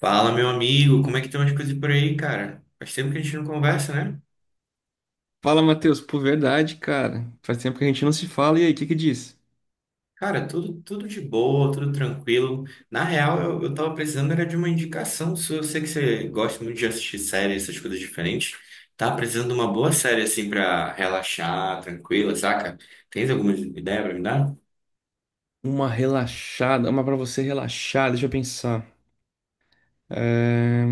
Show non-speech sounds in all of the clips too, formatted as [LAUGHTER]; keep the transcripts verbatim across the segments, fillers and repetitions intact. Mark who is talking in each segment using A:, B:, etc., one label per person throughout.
A: Fala, meu amigo, como é que estão as coisas por aí, cara? Faz tempo que a gente não conversa, né?
B: Fala, Matheus. Pô, verdade, cara. Faz tempo que a gente não se fala. E aí, o que que diz?
A: Cara, tudo, tudo de boa, tudo tranquilo. Na real, eu, eu tava precisando era de uma indicação sua. Eu sei que você gosta muito de assistir séries, essas coisas diferentes. Tava precisando de uma boa série, assim, pra relaxar, tranquila, saca? Tens alguma ideia pra me dar?
B: Uma relaxada, uma pra você relaxar. Deixa eu pensar. É,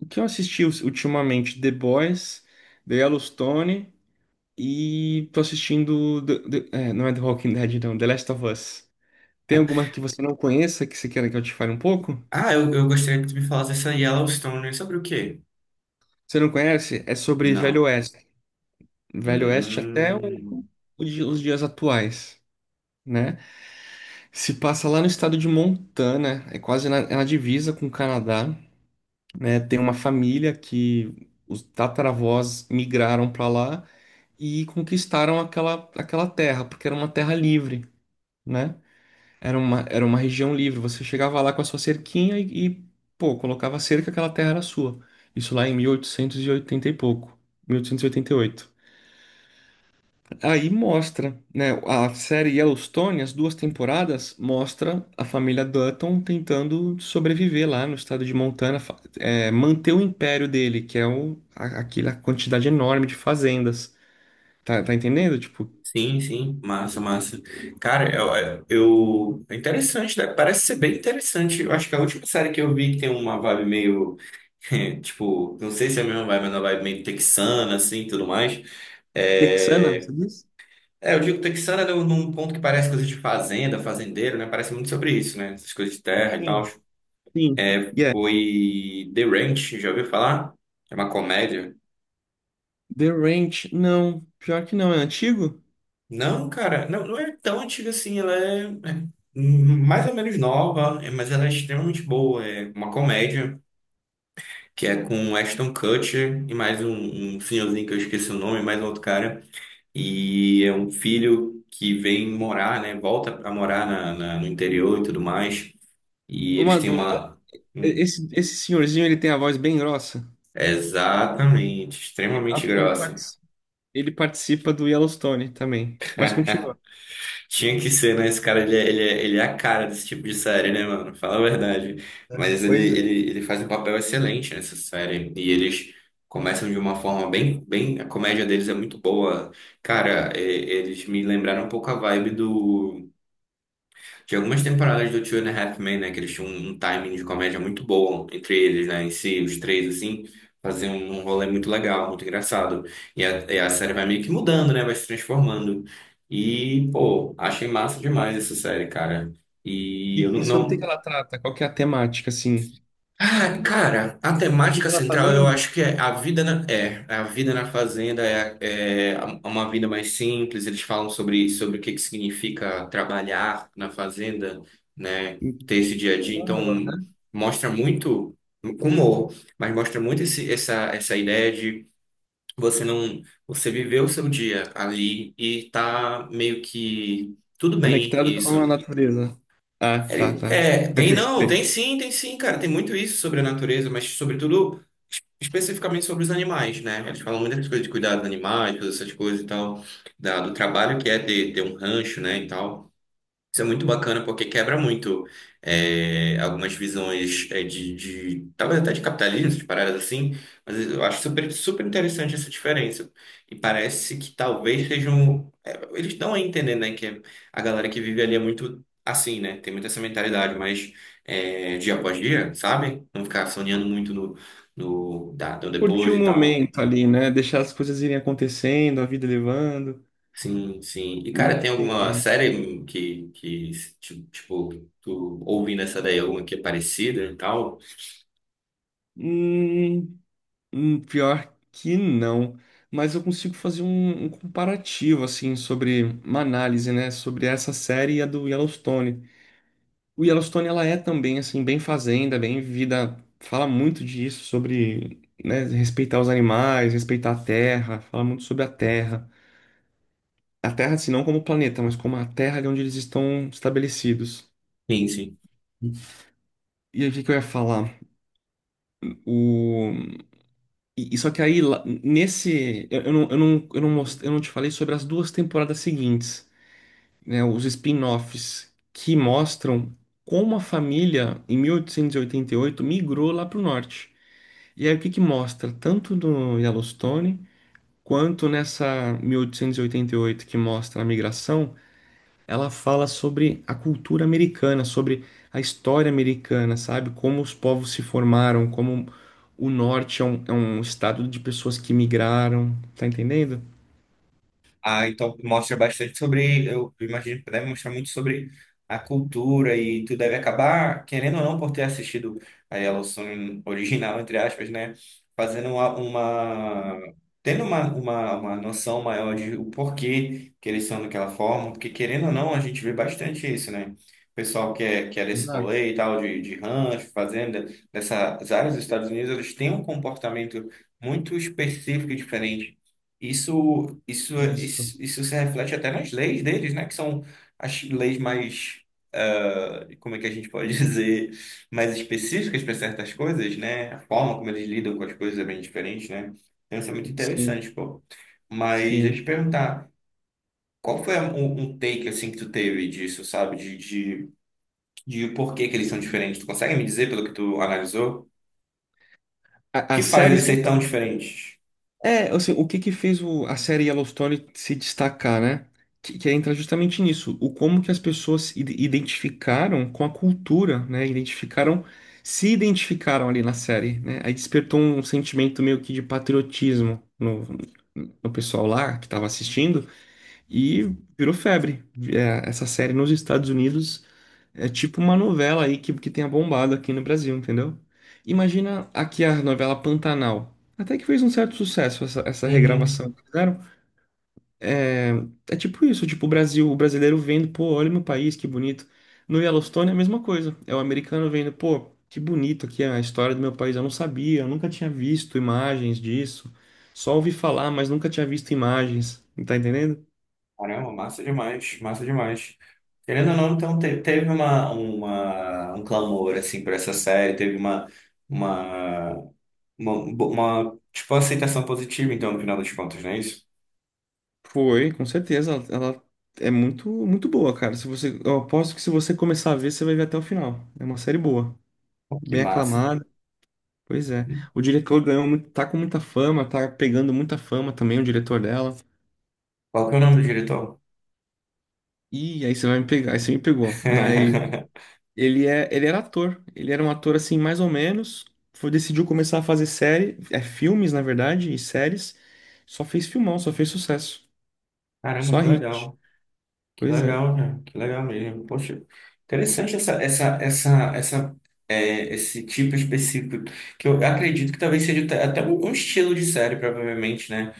B: O que eu assisti us- ultimamente? The Boys, The Yellowstone e tô assistindo... The- The- é, não é The Walking Dead, não. The Last of Us. Tem alguma que você não conheça que você queira que eu te fale um pouco?
A: Ah, eu, eu gostaria que tu me falasse essa Yellowstone, né? Sobre o quê?
B: Você não conhece? É sobre Velho
A: Não.
B: Oeste. Velho Oeste até o-
A: Hum.
B: o di- os dias atuais, né? Se passa lá no estado de Montana, é quase na, é na divisa com o Canadá, né? Tem uma família que os tataravós migraram para lá e conquistaram aquela, aquela terra, porque era uma terra livre, né? Era uma, era uma região livre. Você chegava lá com a sua cerquinha e, e, pô, colocava a cerca, aquela terra era sua. Isso lá em mil oitocentos e oitenta e pouco, mil oitocentos e e oitenta e oito. Aí mostra, né? A série Yellowstone, as duas temporadas, mostra a família Dutton tentando sobreviver lá no estado de Montana, fa- é, manter o império dele, que é o, a- aquela quantidade enorme de fazendas. Tá, tá entendendo? Tipo,
A: Sim, sim, massa, massa. Cara, eu, é, eu- é interessante, né? Parece ser bem interessante. Eu acho que a última série que eu vi que tem uma vibe meio, [LAUGHS] tipo, não sei se é a mesma vibe, mas é uma vibe meio texana, assim, tudo mais.
B: texana,
A: É,
B: você diz?
A: é eu digo texana num num ponto que parece coisa de fazenda, fazendeiro, né? Parece muito sobre isso, né? Essas coisas de terra e tal.
B: Sim. Sim. Yeah.
A: Foi The Ranch, já ouviu falar? É uma comédia.
B: The Ranch, não. Pior que não, é antigo?
A: Não, cara, não, não é tão antiga assim, ela é, é mais ou menos nova, é, mas ela é extremamente boa. É uma comédia que é com Ashton Kutcher e mais um, um senhorzinho que eu esqueci o nome, mais um outro cara. E é um filho que vem morar, né? Volta a morar na, na- no interior e tudo mais. E eles
B: Uma
A: têm
B: dúvida.
A: uma.
B: e-
A: Hum,
B: Esse, esse senhorzinho, ele tem a voz bem grossa.
A: exatamente,
B: Ele,
A: extremamente
B: ele
A: grossa.
B: partici- ele participa do Yellowstone também. Mas
A: [LAUGHS]
B: continua.
A: Tinha que ser, né? Esse cara, ele é, ele é, ele é a cara desse tipo de série, né, mano? Fala a verdade. Mas ele,
B: Pois.
A: ele, ele faz um papel excelente nessa série. E eles começam de uma forma bem, bem... A comédia deles é muito boa. Cara, e- eles me lembraram um pouco a vibe do... Tinha algumas temporadas do Two and a Half Men, né? Que eles tinham um timing de comédia muito bom entre eles, né? Em si, os três, assim, faziam um rolê muito legal, muito engraçado. E a, e a série vai meio que mudando, né? Vai se transformando. E, pô, achei massa demais essa série, cara. E eu
B: E,
A: não,
B: e sobre o que que
A: não,
B: ela trata? Qual que é a temática, assim?
A: ah, cara, a temática
B: Vida na
A: central eu
B: fazenda,
A: acho que é a vida na, é, a vida na fazenda é, é uma vida mais simples. Eles falam sobre, sobre o que que significa trabalhar na fazenda, né? Ter esse dia a dia.
B: humor,
A: Então,
B: né?
A: mostra muito com humor, mas mostra muito esse, essa, essa ideia de você não, você viver o seu dia ali e tá meio que tudo bem
B: Conectado com a
A: isso.
B: natureza. Ah, tá,
A: Ele-
B: tá.
A: É,
B: Me
A: tem não,
B: antecipei.
A: tem sim, tem sim, cara. Tem muito isso sobre a natureza, mas sobretudo es- especificamente sobre os animais, né? Eles falam muitas coisas de cuidar dos animais, todas essas coisas e tal, da- do trabalho que é ter, ter um rancho, né, e tal. Isso é muito bacana porque quebra muito é, algumas visões é, de, de- talvez até de capitalismo, de paradas assim, mas eu acho super, super interessante essa diferença. E parece que talvez sejam. É, eles estão a entender, né? Que a galera que vive ali é muito assim, né? Tem muito essa mentalidade, mas é, dia após dia, sabe? Não ficar sonhando muito no, no, da, do
B: Curtir
A: depois
B: o
A: e tal.
B: momento ali, né? Deixar as coisas irem acontecendo, a vida levando.
A: Sim, sim. E, cara, tem alguma
B: Entendi.
A: série que, que tipo, tipo, tu ouvindo essa daí, alguma que é parecida e tal?
B: Hum, hum, pior que não. Mas eu consigo fazer um, um comparativo, assim, sobre uma análise, né? Sobre essa série e a do Yellowstone. O Yellowstone, ela é também, assim, bem fazenda, bem vida. Fala muito disso, sobre, né, respeitar os animais, respeitar a terra, fala muito sobre a terra. A terra, assim, não como planeta, mas como a terra de onde eles estão estabelecidos.
A: Sim, sim.
B: E aí, o que que eu ia falar? O... E, e só que aí, lá- nesse. Eu, eu não, eu, não, eu, não most- eu não te falei sobre as duas temporadas seguintes, né? Os spin-offs que mostram como a família, em mil oitocentos e oitenta e oito, migrou lá para o norte. E aí o que que mostra? Tanto no Yellowstone quanto nessa mil oitocentos e oitenta e oito que mostra a migração, ela fala sobre a cultura americana, sobre a história americana, sabe? Como os povos se formaram, como o norte é um, é um estado de pessoas que migraram, tá entendendo?
A: Ah, então mostra bastante sobre, eu imagino que deve mostrar muito sobre a cultura e tu deve acabar, querendo ou não, por ter assistido a Yellowstone [LAUGHS] original, entre aspas, né? Fazendo uma, uma- tendo uma, uma, uma noção maior de o porquê que eles são daquela forma, porque querendo ou não, a gente vê bastante isso, né? O pessoal que é, que é desse
B: Exato.
A: rolê e tal, de, de rancho, fazenda, dessas áreas dos Estados Unidos, eles têm um comportamento muito específico e diferente. Isso, isso, é-
B: Isso,
A: isso, isso se reflete até nas leis deles, né? Que são as leis mais, ah, como é que a gente pode [LAUGHS] dizer, mais específicas para certas coisas, né? A forma como eles lidam com as coisas é bem diferente, né? Então, isso é muito interessante,
B: sim,
A: pô. Mas deixa eu
B: sim.
A: te perguntar, qual foi a- um, um take, assim, que tu teve disso, sabe? De, de, de por que que eles são diferentes? Tu consegue me dizer, pelo que tu analisou, o
B: A-
A: que
B: As
A: faz eles
B: séries.
A: serem tão diferentes?
B: É, assim, o que que fez o- a série Yellowstone se destacar, né? Que, que entra justamente nisso, o como que as pessoas se ide- identificaram com a cultura, né? Identificaram, se identificaram ali na série, né? Aí despertou um sentimento meio que de patriotismo no, no pessoal lá que estava assistindo e virou febre. É, essa série nos Estados Unidos é tipo uma novela aí que, que tenha bombado aqui no Brasil, entendeu? Imagina aqui a novela Pantanal. Até que fez um certo sucesso essa, essa regravação
A: Uhum.
B: que fizeram. É, é tipo isso, tipo o Brasil, o brasileiro vendo, pô, olha meu país, que bonito. No Yellowstone é a mesma coisa. É o americano vendo, pô, que bonito aqui a história do meu país. Eu não sabia, eu nunca tinha visto imagens disso. Só ouvi falar, mas nunca tinha visto imagens. Tá entendendo?
A: Caramba, massa demais, massa demais. Querendo ou não, então te- teve uma, uma, um clamor assim por essa série, teve uma, uma, uma, uma, tipo aceitação positiva, então, no final das contas, não é isso?
B: Foi, com certeza. Ela, ela é muito, muito boa, cara. Se você, eu aposto que se você começar a ver, você vai ver até o final. É uma série boa,
A: Pô, que
B: bem
A: massa.
B: aclamada. Pois é. O diretor ganhou muito, tá com muita fama, tá pegando muita fama também, o diretor dela.
A: Qual que é o nome do diretor?
B: E aí você vai me pegar, aí você me pegou. Mas
A: [LAUGHS]
B: ele é, ele era ator. Ele era um ator assim, mais ou menos. Foi, decidiu começar a fazer série, é filmes, na verdade, e séries. Só fez filmão, só fez sucesso.
A: Caramba,
B: Só
A: que
B: hit.
A: legal. Que
B: Pois é.
A: legal, né? Que legal mesmo. Poxa, interessante essa, essa, essa, essa, é, esse tipo específico, que eu acredito que talvez seja até até um um estilo de série, provavelmente, né?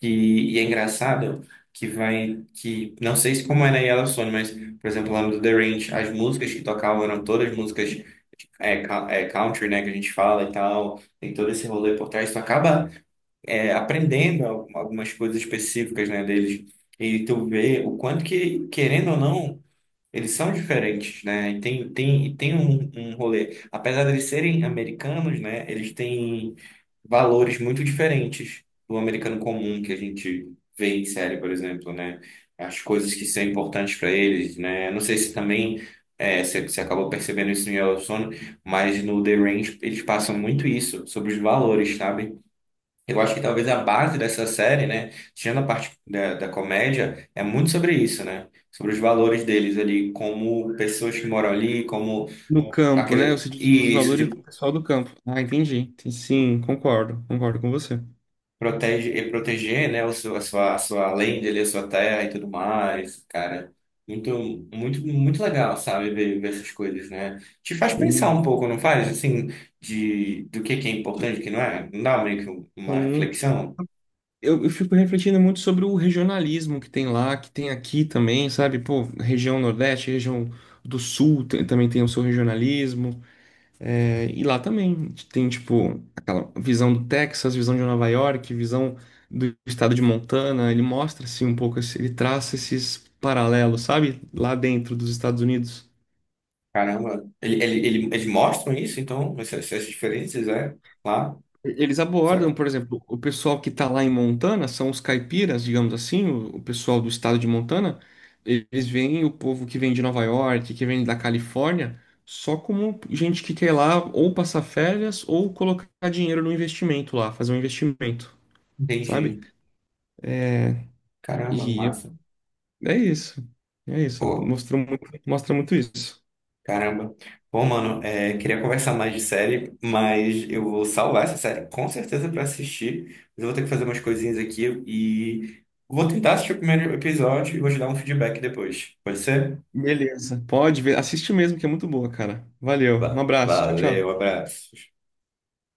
A: Que e é engraçado que vai que não sei se como é na Yellowstone, mas por exemplo lá no The Ranch as músicas que tocavam eram todas músicas é, ca- é, country, né, que a gente fala e tal, tem todo esse rolê por trás, tu acaba é, aprendendo al- algumas coisas específicas, né, deles e tu vê o quanto que querendo ou não eles são diferentes, né? E tem, tem, e tem um, um rolê. Apesar de eles serem americanos, né? Eles têm valores muito diferentes do americano comum que a gente vê em série, por exemplo, né? As coisas que são importantes para eles, né? Não sei se também é, você, você acabou percebendo isso no Yellowstone, mas no The Range eles passam muito isso sobre os valores, sabe? Eu acho que talvez a base dessa série, né, tirando a parte da, da comédia, é muito sobre isso, né? Sobre os valores deles ali, como pessoas que moram ali, como
B: No campo, né?
A: aquele,
B: Você diz os
A: e isso
B: valores do pessoal do campo. Ah, entendi. Sim, concordo. Concordo com você.
A: protege, e proteger, né, o seu, a sua, a sua lenda ali, a sua terra e tudo mais, cara. Muito, muito, muito legal, sabe, ver, ver essas coisas, né? Te faz pensar um
B: Sim.
A: pouco, não faz? Assim, de, do que que é importante, o que não é? Não dá meio que uma
B: Sim.
A: reflexão?
B: Eu, eu fico refletindo muito sobre o regionalismo que tem lá, que tem aqui também, sabe? Pô, região Nordeste, região do Sul tem- também tem o seu regionalismo. É, e lá também tem, tipo, aquela visão do Texas, visão de Nova York, visão do estado de Montana. Ele mostra, assim, um pouco, esse- ele traça esses paralelos, sabe? Lá dentro dos Estados Unidos.
A: Caramba, ele, ele, ele, eles mostram isso, então, essas, essas diferenças, é? Lá,
B: Eles
A: sabe?
B: abordam, por exemplo, o pessoal que está lá em Montana, são os caipiras, digamos assim, o, o pessoal do estado de Montana, eles veem o povo que vem de Nova York, que vem da Califórnia, só como gente que quer lá ou passar férias ou colocar dinheiro no investimento lá, fazer um investimento, sabe?
A: Entendi. Caramba,
B: E eu-
A: massa.
B: é isso, é isso,
A: Pô,
B: mostrou muito, mostra muito isso.
A: caramba. Pô, mano, é, queria conversar mais de série, mas eu vou salvar essa série com certeza pra assistir. Mas eu vou ter que fazer umas coisinhas aqui e vou tentar assistir o primeiro episódio e vou te dar um feedback depois. Pode ser?
B: Beleza, pode ver, assiste mesmo que é muito boa, cara. Valeu, um
A: Va-
B: abraço, tchau,
A: Valeu,
B: tchau.
A: abraço.